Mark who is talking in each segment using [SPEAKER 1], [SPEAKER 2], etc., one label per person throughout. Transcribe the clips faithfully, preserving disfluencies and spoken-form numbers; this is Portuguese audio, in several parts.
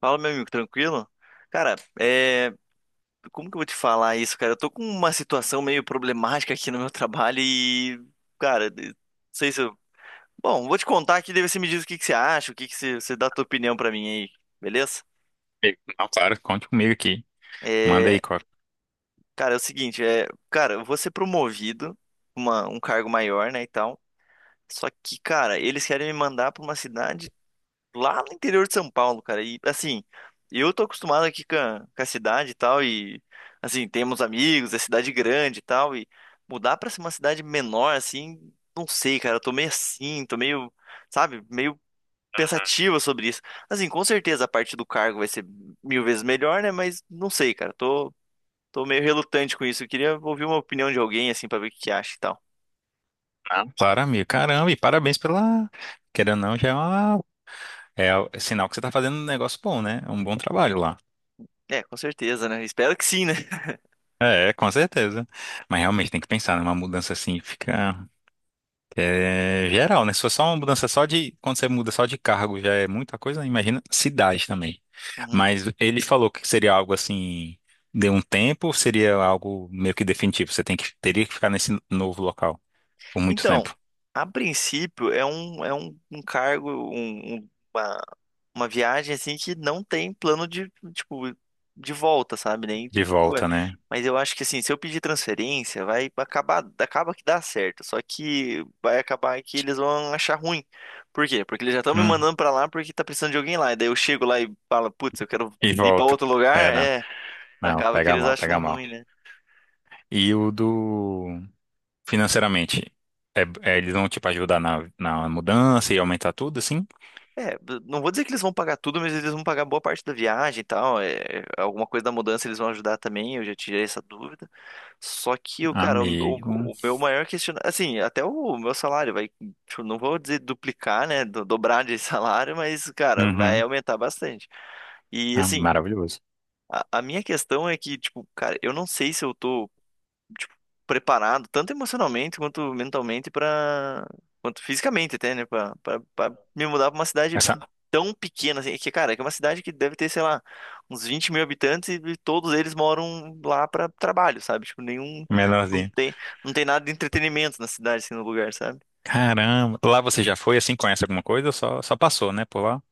[SPEAKER 1] Fala, meu amigo, tranquilo? Cara, é... como que eu vou te falar isso, cara? Eu tô com uma situação meio problemática aqui no meu trabalho e, cara, de- não sei se eu... Bom, vou te contar aqui, daí você me diz o que que você acha, o que que você, você dá a tua opinião pra mim aí, beleza?
[SPEAKER 2] Amigo. Não, claro, conte comigo aqui. Manda aí,
[SPEAKER 1] É...
[SPEAKER 2] Cora.
[SPEAKER 1] Cara, é o seguinte, é... Cara, eu vou ser promovido, uma... um cargo maior, né, e tal. Só que, cara, eles querem me mandar pra uma cidade lá no interior de São Paulo, cara. E assim, eu tô acostumado aqui com a, com a cidade e tal, e assim, temos amigos, é cidade grande e tal, e mudar pra uma cidade menor, assim, não sei, cara. Eu tô meio assim, tô meio, sabe, meio pensativa sobre isso. Assim, com certeza a parte do cargo vai ser mil vezes melhor, né? Mas não sei, cara. Tô, tô meio relutante com isso. Eu queria ouvir uma opinião de alguém, assim, pra ver o que que acha e tal.
[SPEAKER 2] Não, claro, amigo. Caramba, e parabéns pela. Querendo ou não, já é, uma... é o- é sinal que você tá fazendo um negócio bom, né? É um bom trabalho lá.
[SPEAKER 1] É, com certeza, né? Espero que sim, né?
[SPEAKER 2] É, com certeza. Mas realmente tem que pensar numa mudança assim, fica é, geral, né? Se for só uma mudança só de. Quando você muda só de cargo, já é muita coisa, né? Imagina cidade também.
[SPEAKER 1] Uhum.
[SPEAKER 2] Mas ele falou que seria algo assim, de um tempo, ou seria algo meio que definitivo. Você tem que, teria que ficar nesse novo local por muito
[SPEAKER 1] Então,
[SPEAKER 2] tempo.
[SPEAKER 1] a princípio é um, é um, um cargo, um- um- uma, uma viagem assim que não tem plano de, tipo, de volta, sabe? Nem
[SPEAKER 2] De
[SPEAKER 1] de coisa.
[SPEAKER 2] volta, né?
[SPEAKER 1] Mas eu acho que assim, se eu pedir transferência, vai acabar, acaba que dá certo. Só que vai acabar que eles vão achar ruim. Por quê? Porque eles já estão me
[SPEAKER 2] Hum,
[SPEAKER 1] mandando pra lá porque tá precisando de alguém lá. E daí eu chego lá e falo, putz, eu quero
[SPEAKER 2] e
[SPEAKER 1] ir pra
[SPEAKER 2] volto.
[SPEAKER 1] outro
[SPEAKER 2] É,
[SPEAKER 1] lugar.
[SPEAKER 2] não.
[SPEAKER 1] É,
[SPEAKER 2] Não,
[SPEAKER 1] acaba que
[SPEAKER 2] pega
[SPEAKER 1] eles
[SPEAKER 2] mal,
[SPEAKER 1] acham
[SPEAKER 2] pega mal.
[SPEAKER 1] ruim, né?
[SPEAKER 2] E o do. Financeiramente, é- é, eles vão, tipo, ajudar na, na mudança e aumentar tudo, assim?
[SPEAKER 1] É, b- não vou dizer que eles vão pagar tudo, mas eles vão pagar boa parte da viagem e tal. É, é, alguma coisa da mudança eles vão ajudar também, eu já tirei essa dúvida. Só que, o cara, o, o-
[SPEAKER 2] Amigo.
[SPEAKER 1] o meu maior questionamento. Assim, até o meu salário vai. Tipo, não vou dizer duplicar, né? do- dobrar de salário, mas, cara, vai
[SPEAKER 2] Uhum.
[SPEAKER 1] aumentar bastante. E,
[SPEAKER 2] Ah,
[SPEAKER 1] assim,
[SPEAKER 2] maravilhoso.
[SPEAKER 1] a, a minha questão é que, tipo, cara, eu não sei se eu tô tipo, preparado, tanto emocionalmente quanto mentalmente para quanto fisicamente até, né, Pra pra- pra me mudar pra uma cidade
[SPEAKER 2] Essa
[SPEAKER 1] tão pequena assim, que cara, que é uma cidade que deve ter, sei lá, uns vinte mil habitantes e todos eles moram lá pra trabalho, sabe? Tipo, nenhum não
[SPEAKER 2] menorzinha.
[SPEAKER 1] tem não tem nada de entretenimento na cidade assim no lugar, sabe?
[SPEAKER 2] Caramba. Lá você já foi, assim, conhece alguma coisa? Só, só passou, né, por lá?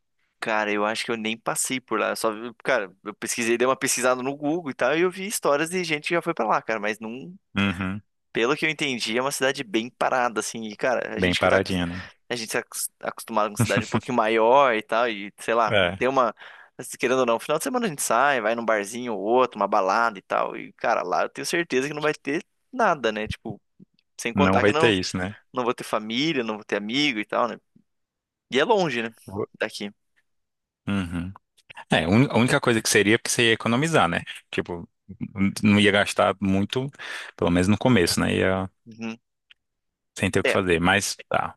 [SPEAKER 1] Cara, eu acho que eu nem passei por lá. Eu só, vi- cara, eu pesquisei, dei uma pesquisada no Google e tal, e eu vi histórias de gente que já foi pra lá, cara, mas não.
[SPEAKER 2] Uhum.
[SPEAKER 1] Pelo que eu entendi, é uma cidade bem parada, assim, e, cara, a
[SPEAKER 2] Bem
[SPEAKER 1] gente que tá, acos-
[SPEAKER 2] paradinha, né?
[SPEAKER 1] a gente tá acos- acostumado com cidade um pouquinho maior e tal, e, sei lá,
[SPEAKER 2] É.
[SPEAKER 1] tem uma, querendo ou não, final de semana a gente sai, vai num barzinho ou outro, uma balada e tal, e, cara, lá eu tenho certeza que não vai ter nada, né, tipo, sem
[SPEAKER 2] Não
[SPEAKER 1] contar que
[SPEAKER 2] vai ter
[SPEAKER 1] não,
[SPEAKER 2] isso, né?
[SPEAKER 1] não vou ter família, não vou ter amigo e tal, né, e é longe, né, daqui.
[SPEAKER 2] Uhum. É, a un- a única coisa que seria é porque você ia economizar, né? Tipo, n- não ia gastar muito, pelo menos no começo, né? Ia
[SPEAKER 1] Uhum.
[SPEAKER 2] sem ter o que
[SPEAKER 1] É,
[SPEAKER 2] fazer. Mas, tá,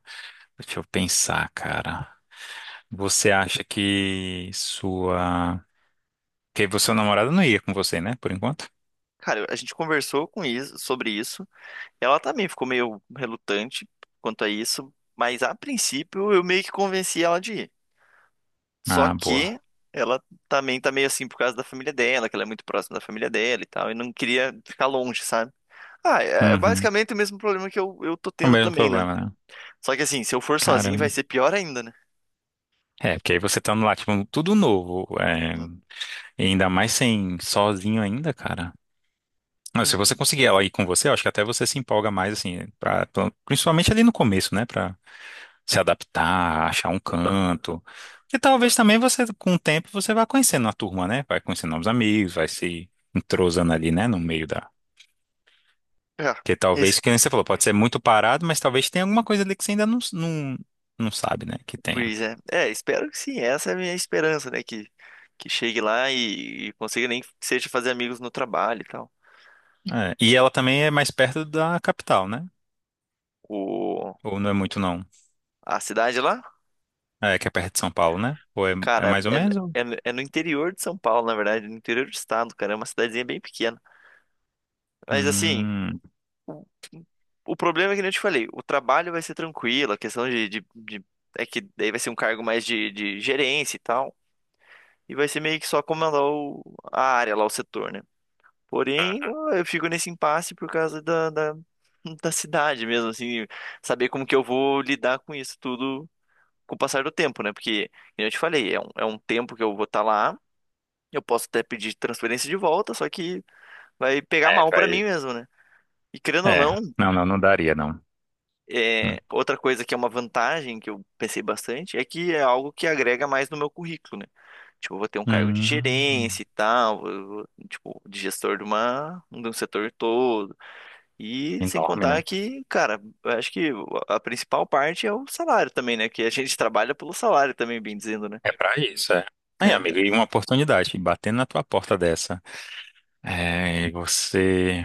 [SPEAKER 2] deixa eu pensar, cara. Você acha que sua... Que seu namorado não ia com você, né? Por enquanto?
[SPEAKER 1] cara, a gente conversou com isso, sobre isso, ela também ficou meio relutante quanto a isso, mas a princípio eu meio que convenci ela de ir. Só
[SPEAKER 2] Ah, boa.
[SPEAKER 1] que ela também tá meio assim por causa da família dela, que ela é muito próxima da família dela e tal, e não queria ficar longe, sabe? Ah, é é
[SPEAKER 2] Uhum.
[SPEAKER 1] basicamente o mesmo problema que eu, eu tô
[SPEAKER 2] É o
[SPEAKER 1] tendo
[SPEAKER 2] mesmo
[SPEAKER 1] também, né?
[SPEAKER 2] problema, né?
[SPEAKER 1] Só que assim, se eu for sozinho vai
[SPEAKER 2] Caramba.
[SPEAKER 1] ser pior ainda, né?
[SPEAKER 2] É, porque aí você tá no lá, tipo, tudo novo. É...
[SPEAKER 1] Uhum,
[SPEAKER 2] E ainda mais sem sozinho ainda, cara. Não, se você
[SPEAKER 1] uhum.
[SPEAKER 2] conseguir ela ir com você, eu acho que até você se empolga mais, assim, pra, pra- principalmente ali no começo, né? Pra se adaptar, achar um canto. Porque talvez também você, com o tempo, você vá conhecendo a turma, né? Vai conhecendo novos amigos, vai se entrosando ali, né? No meio da.
[SPEAKER 1] É,
[SPEAKER 2] Porque
[SPEAKER 1] es-
[SPEAKER 2] talvez, que nem você falou, pode ser muito parado, mas talvez tenha alguma coisa ali que você ainda não, não, não sabe, né? Que tenha.
[SPEAKER 1] pois é. É, espero que sim, essa é a minha esperança, né? Que, que chegue lá e, e consiga nem que seja fazer amigos no trabalho e tal.
[SPEAKER 2] É, e ela também é mais perto da capital, né?
[SPEAKER 1] O,
[SPEAKER 2] Ou não é muito, não?
[SPEAKER 1] a cidade lá,
[SPEAKER 2] É, que é perto de São Paulo, né? Ou é, é
[SPEAKER 1] cara,
[SPEAKER 2] mais ou menos? Ou.
[SPEAKER 1] é, é, é no interior de São Paulo, na verdade, no interior do estado, cara, é uma cidadezinha bem pequena. Mas assim,
[SPEAKER 2] Hum.
[SPEAKER 1] o problema é que nem eu te falei, o trabalho vai ser tranquilo, a questão de, de, de- é que daí vai ser um cargo mais de, de gerência e tal, e vai ser meio que só comandar o, a área lá, o setor, né? Porém, eu fico nesse impasse por causa da, da, da cidade mesmo, assim, saber como que eu vou lidar com isso tudo com o passar do tempo, né? Porque, como eu te falei, é um, é um tempo que eu vou estar lá, eu posso até pedir transferência de volta, só que vai pegar
[SPEAKER 2] É,
[SPEAKER 1] mal pra mim
[SPEAKER 2] vai.
[SPEAKER 1] mesmo, né? E querendo ou não,
[SPEAKER 2] É, não, não, não daria, não. Hum.
[SPEAKER 1] é, outra coisa que é uma vantagem que eu pensei bastante é que é algo que agrega mais no meu currículo, né? Tipo, eu vou ter um cargo de gerência
[SPEAKER 2] Hum,
[SPEAKER 1] e tal, vou- vou, tipo, de gestor de uma, de um setor todo. E sem
[SPEAKER 2] enorme,
[SPEAKER 1] contar
[SPEAKER 2] né?
[SPEAKER 1] que, cara, eu acho que a principal parte é o salário também, né? Que a gente trabalha pelo salário também, bem dizendo, né?
[SPEAKER 2] É pra isso, é. Aí,
[SPEAKER 1] É.
[SPEAKER 2] amigo, e uma oportunidade, batendo na tua porta dessa. É, e você.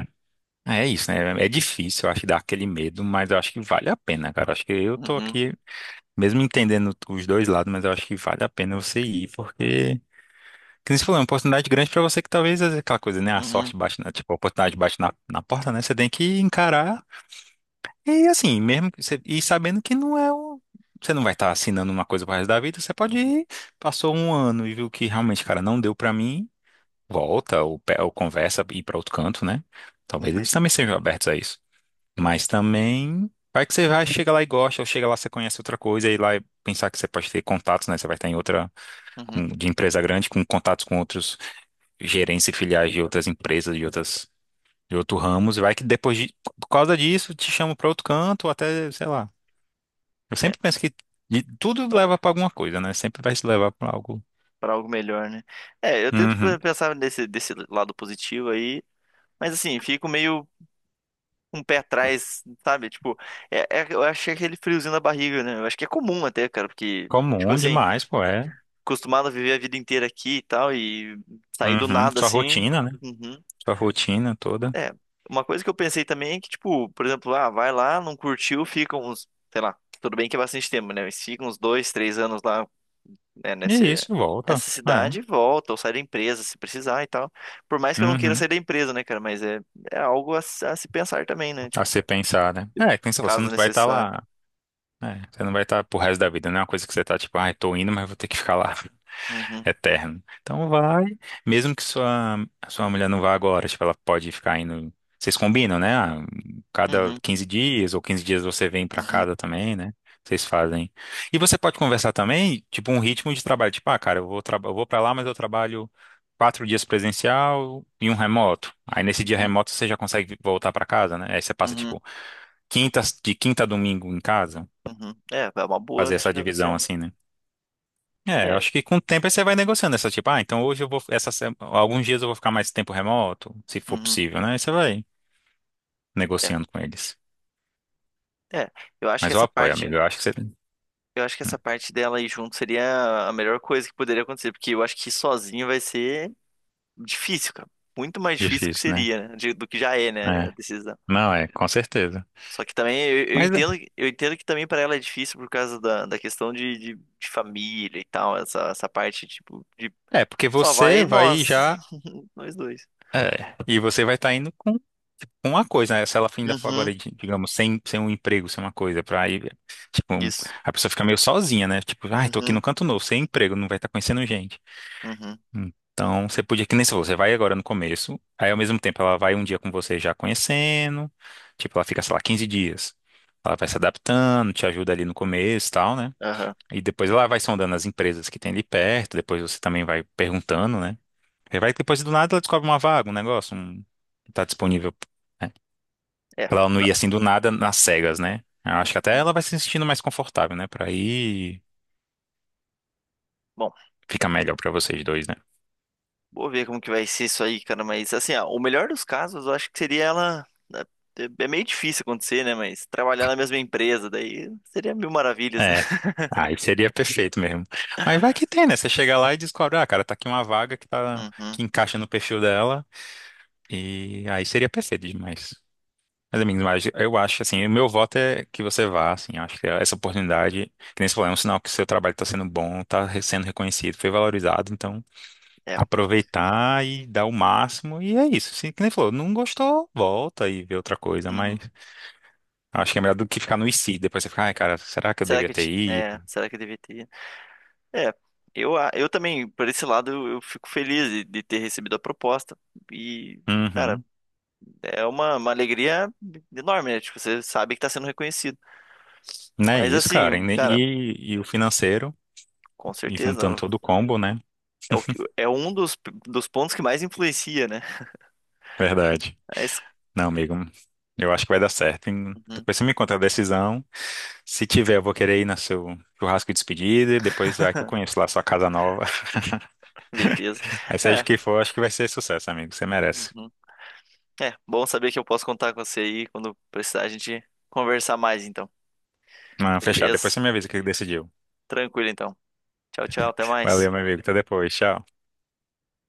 [SPEAKER 2] É isso, né? É difícil, eu acho, dar aquele medo, mas eu acho que vale a pena, cara. Eu acho que eu tô
[SPEAKER 1] Uhum,
[SPEAKER 2] aqui, mesmo entendendo os dois lados, mas eu acho que vale a pena você ir, porque. Como você falou, é uma oportunidade grande pra você que talvez é aquela coisa, né? A
[SPEAKER 1] uhum,
[SPEAKER 2] sorte bate na, tipo, a oportunidade bate na, na porta, né? Você tem que encarar. E assim, mesmo que você, e sabendo que não é o, você não vai estar assinando uma coisa pro resto da vida, você pode
[SPEAKER 1] uhum,
[SPEAKER 2] ir, passou um ano e viu que realmente, cara, não deu pra mim, volta ou, pe- ou conversa e ir pra outro canto, né? Talvez
[SPEAKER 1] uhum,
[SPEAKER 2] eles também sejam abertos a isso. Mas também, vai que você vai, chega lá e gosta, ou chega lá você conhece outra coisa e lá e pensar que você pode ter contatos, né? Você vai estar em outra
[SPEAKER 1] uhum.
[SPEAKER 2] com- de empresa grande, com contatos com outros gerentes e filiais de outras empresas, de outras de outros ramos, e vai que depois de, por causa disso te chamam pra outro canto, ou até, sei lá, eu
[SPEAKER 1] É,
[SPEAKER 2] sempre penso que de- tudo leva pra alguma coisa, né? Sempre vai se levar pra algo.
[SPEAKER 1] para algo melhor, né? É, eu tento pe-
[SPEAKER 2] Uhum.
[SPEAKER 1] pensar nesse, desse lado positivo aí, mas assim, fico meio um pé atrás, sabe? Tipo, é, é- eu achei aquele friozinho na barriga, né? Eu acho que é comum até, cara, porque, tipo
[SPEAKER 2] Comum
[SPEAKER 1] assim,
[SPEAKER 2] demais, pô, é.
[SPEAKER 1] acostumado a viver a vida inteira aqui e tal, e sair do
[SPEAKER 2] Uhum.
[SPEAKER 1] nada
[SPEAKER 2] Sua
[SPEAKER 1] assim.
[SPEAKER 2] rotina, né?
[SPEAKER 1] Uhum.
[SPEAKER 2] Sua rotina toda.
[SPEAKER 1] É. Uma coisa que eu pensei também é que, tipo, por exemplo, ah, vai lá, não curtiu, fica uns, sei lá, tudo bem que é bastante tempo, né? Mas fica uns dois, três anos lá, né, nesse,
[SPEAKER 2] E isso volta.
[SPEAKER 1] nessa
[SPEAKER 2] É.
[SPEAKER 1] cidade e volta, ou sai da empresa se precisar e tal. Por mais que eu não queira sair
[SPEAKER 2] Uhum.
[SPEAKER 1] da empresa, né, cara? Mas é, é algo a, se a se pensar também, né?
[SPEAKER 2] A
[SPEAKER 1] Tipo,
[SPEAKER 2] se pensar, né? É, pensa, você não
[SPEAKER 1] caso
[SPEAKER 2] vai estar
[SPEAKER 1] necessário.
[SPEAKER 2] lá. É, você não vai estar pro resto da vida, não é uma coisa que você tá tipo, ai, tô indo, mas vou ter que ficar lá.
[SPEAKER 1] Uhum,
[SPEAKER 2] Eterno. Então vai, mesmo que sua, sua mulher não vá agora, tipo, ela pode ficar indo. Vocês combinam, né? Ah, cada
[SPEAKER 1] uhum,
[SPEAKER 2] quinze dias ou quinze dias você vem pra
[SPEAKER 1] uhum,
[SPEAKER 2] casa também, né? Vocês fazem. E você pode conversar também, tipo, um ritmo de trabalho. Tipo, ah, cara, eu vou, traba- eu vou para lá, mas eu trabalho quatro dias presencial e um remoto. Aí nesse dia
[SPEAKER 1] uhum,
[SPEAKER 2] remoto você já consegue voltar pra casa, né? Aí você passa,
[SPEAKER 1] uhum, uhum.
[SPEAKER 2] tipo, quinta, de quinta a domingo em casa,
[SPEAKER 1] Uhum. É, é uma boa
[SPEAKER 2] fazer essa
[SPEAKER 1] de negociar.
[SPEAKER 2] divisão
[SPEAKER 1] Meu.
[SPEAKER 2] assim, né? É, eu
[SPEAKER 1] É,
[SPEAKER 2] acho que com o tempo aí você vai negociando essa, tipo, ah, então hoje eu vou, essa, se- alguns dias eu vou ficar mais tempo remoto, se for
[SPEAKER 1] uhum,
[SPEAKER 2] possível, né? Aí você vai
[SPEAKER 1] é,
[SPEAKER 2] negociando com eles.
[SPEAKER 1] é. Eu acho que
[SPEAKER 2] Mas eu
[SPEAKER 1] essa
[SPEAKER 2] apoio,
[SPEAKER 1] parte,
[SPEAKER 2] amigo, eu acho que você...
[SPEAKER 1] eu acho que
[SPEAKER 2] Hum.
[SPEAKER 1] essa parte dela aí junto seria a melhor coisa que poderia acontecer, porque eu acho que sozinho vai ser difícil, cara. Muito mais difícil que
[SPEAKER 2] Difícil, né?
[SPEAKER 1] seria, né? de- do que já é, né, a
[SPEAKER 2] É,
[SPEAKER 1] decisão.
[SPEAKER 2] não é, com certeza.
[SPEAKER 1] Só que também eu, eu
[SPEAKER 2] Mas é,
[SPEAKER 1] entendo, eu entendo que também para ela é difícil por causa da, da questão de, de, de família e tal, essa, essa parte tipo de
[SPEAKER 2] é, porque
[SPEAKER 1] só
[SPEAKER 2] você
[SPEAKER 1] vai
[SPEAKER 2] vai
[SPEAKER 1] nós,
[SPEAKER 2] já,
[SPEAKER 1] nós dois.
[SPEAKER 2] é, e você vai estar indo com com uma coisa, né? Se ela ainda for
[SPEAKER 1] Uhum,
[SPEAKER 2] agora, di- digamos, sem, sem um emprego, sem uma coisa, pra aí, tipo, um.
[SPEAKER 1] isso.
[SPEAKER 2] A pessoa fica meio sozinha, né? Tipo, ai, tô aqui
[SPEAKER 1] Uhum,
[SPEAKER 2] no canto novo, sem emprego, não vai estar conhecendo gente.
[SPEAKER 1] uhum,
[SPEAKER 2] Então, você podia, que nem se você vai agora no começo, aí ao mesmo tempo ela vai um dia com você já conhecendo, tipo, ela fica, sei lá, quinze dias. Ela vai se adaptando, te ajuda ali no começo e tal, né?
[SPEAKER 1] aham.
[SPEAKER 2] E depois ela vai sondando as empresas que tem ali perto, depois você também vai perguntando, né? E vai que depois do nada ela descobre uma vaga, um negócio, um... tá disponível. Né?
[SPEAKER 1] É.
[SPEAKER 2] Pra ela não
[SPEAKER 1] Não,
[SPEAKER 2] ir assim do nada nas cegas, né? Eu acho que até
[SPEAKER 1] uhum.
[SPEAKER 2] ela vai se sentindo mais confortável, né? Pra ir,
[SPEAKER 1] Bom,
[SPEAKER 2] fica melhor pra vocês dois, né?
[SPEAKER 1] vou ver como que vai ser isso aí, cara. Mas assim, ó, o melhor dos casos, eu acho que seria ela. Né, é é meio difícil acontecer, né? Mas trabalhar na mesma empresa, daí seria mil maravilhas, né?
[SPEAKER 2] É. Aí seria perfeito mesmo. Mas vai que tem, né? Você chega lá e descobre, ah, cara, tá aqui uma vaga que tá
[SPEAKER 1] Uhum,
[SPEAKER 2] que encaixa no perfil dela e aí seria perfeito demais. Mas, amigos, mas eu acho assim, o meu voto é que você vá, assim, acho que essa oportunidade, que nem você falou, é um sinal que o seu trabalho está sendo bom, está sendo reconhecido, foi valorizado, então
[SPEAKER 1] é.
[SPEAKER 2] aproveitar e dar o máximo e é isso. Assim, que nem você falou, não gostou, volta e vê outra coisa,
[SPEAKER 1] Uhum.
[SPEAKER 2] mas acho que é melhor do que ficar no I C, depois você fica, ai, cara, será que eu
[SPEAKER 1] Será que
[SPEAKER 2] devia
[SPEAKER 1] eu,
[SPEAKER 2] ter
[SPEAKER 1] ti-
[SPEAKER 2] ido?
[SPEAKER 1] é, será que eu devia ter? É, eu, a- eu também, por esse lado, eu, eu fico feliz de, de ter recebido a proposta. E, cara,
[SPEAKER 2] Uhum.
[SPEAKER 1] é uma, uma alegria enorme, né? Tipo, você sabe que tá sendo reconhecido.
[SPEAKER 2] Não é
[SPEAKER 1] Mas
[SPEAKER 2] isso, cara.
[SPEAKER 1] assim,
[SPEAKER 2] E,
[SPEAKER 1] cara.
[SPEAKER 2] e, e o financeiro,
[SPEAKER 1] Com
[SPEAKER 2] e juntando
[SPEAKER 1] certeza.
[SPEAKER 2] todo o combo, né?
[SPEAKER 1] É, o que, é um dos, dos pontos que mais influencia, né?
[SPEAKER 2] Verdade.
[SPEAKER 1] Mas,
[SPEAKER 2] Não, amigo, eu acho que vai dar certo. Hein?
[SPEAKER 1] uhum,
[SPEAKER 2] Depois você me conta a decisão. Se tiver, eu vou querer ir no seu churrasco de despedida. E depois vai que eu conheço lá a sua casa nova.
[SPEAKER 1] beleza.
[SPEAKER 2] Aí seja
[SPEAKER 1] É,
[SPEAKER 2] o que for, acho que vai ser sucesso, amigo. Você merece.
[SPEAKER 1] uhum. É, bom saber que eu posso contar com você aí quando precisar a gente conversar mais, então.
[SPEAKER 2] Não, fechado. Depois
[SPEAKER 1] Beleza?
[SPEAKER 2] você me avisa o que decidiu.
[SPEAKER 1] Tranquilo, então. Tchau, tchau. Até mais.
[SPEAKER 2] Valeu, meu amigo. Até depois. Tchau.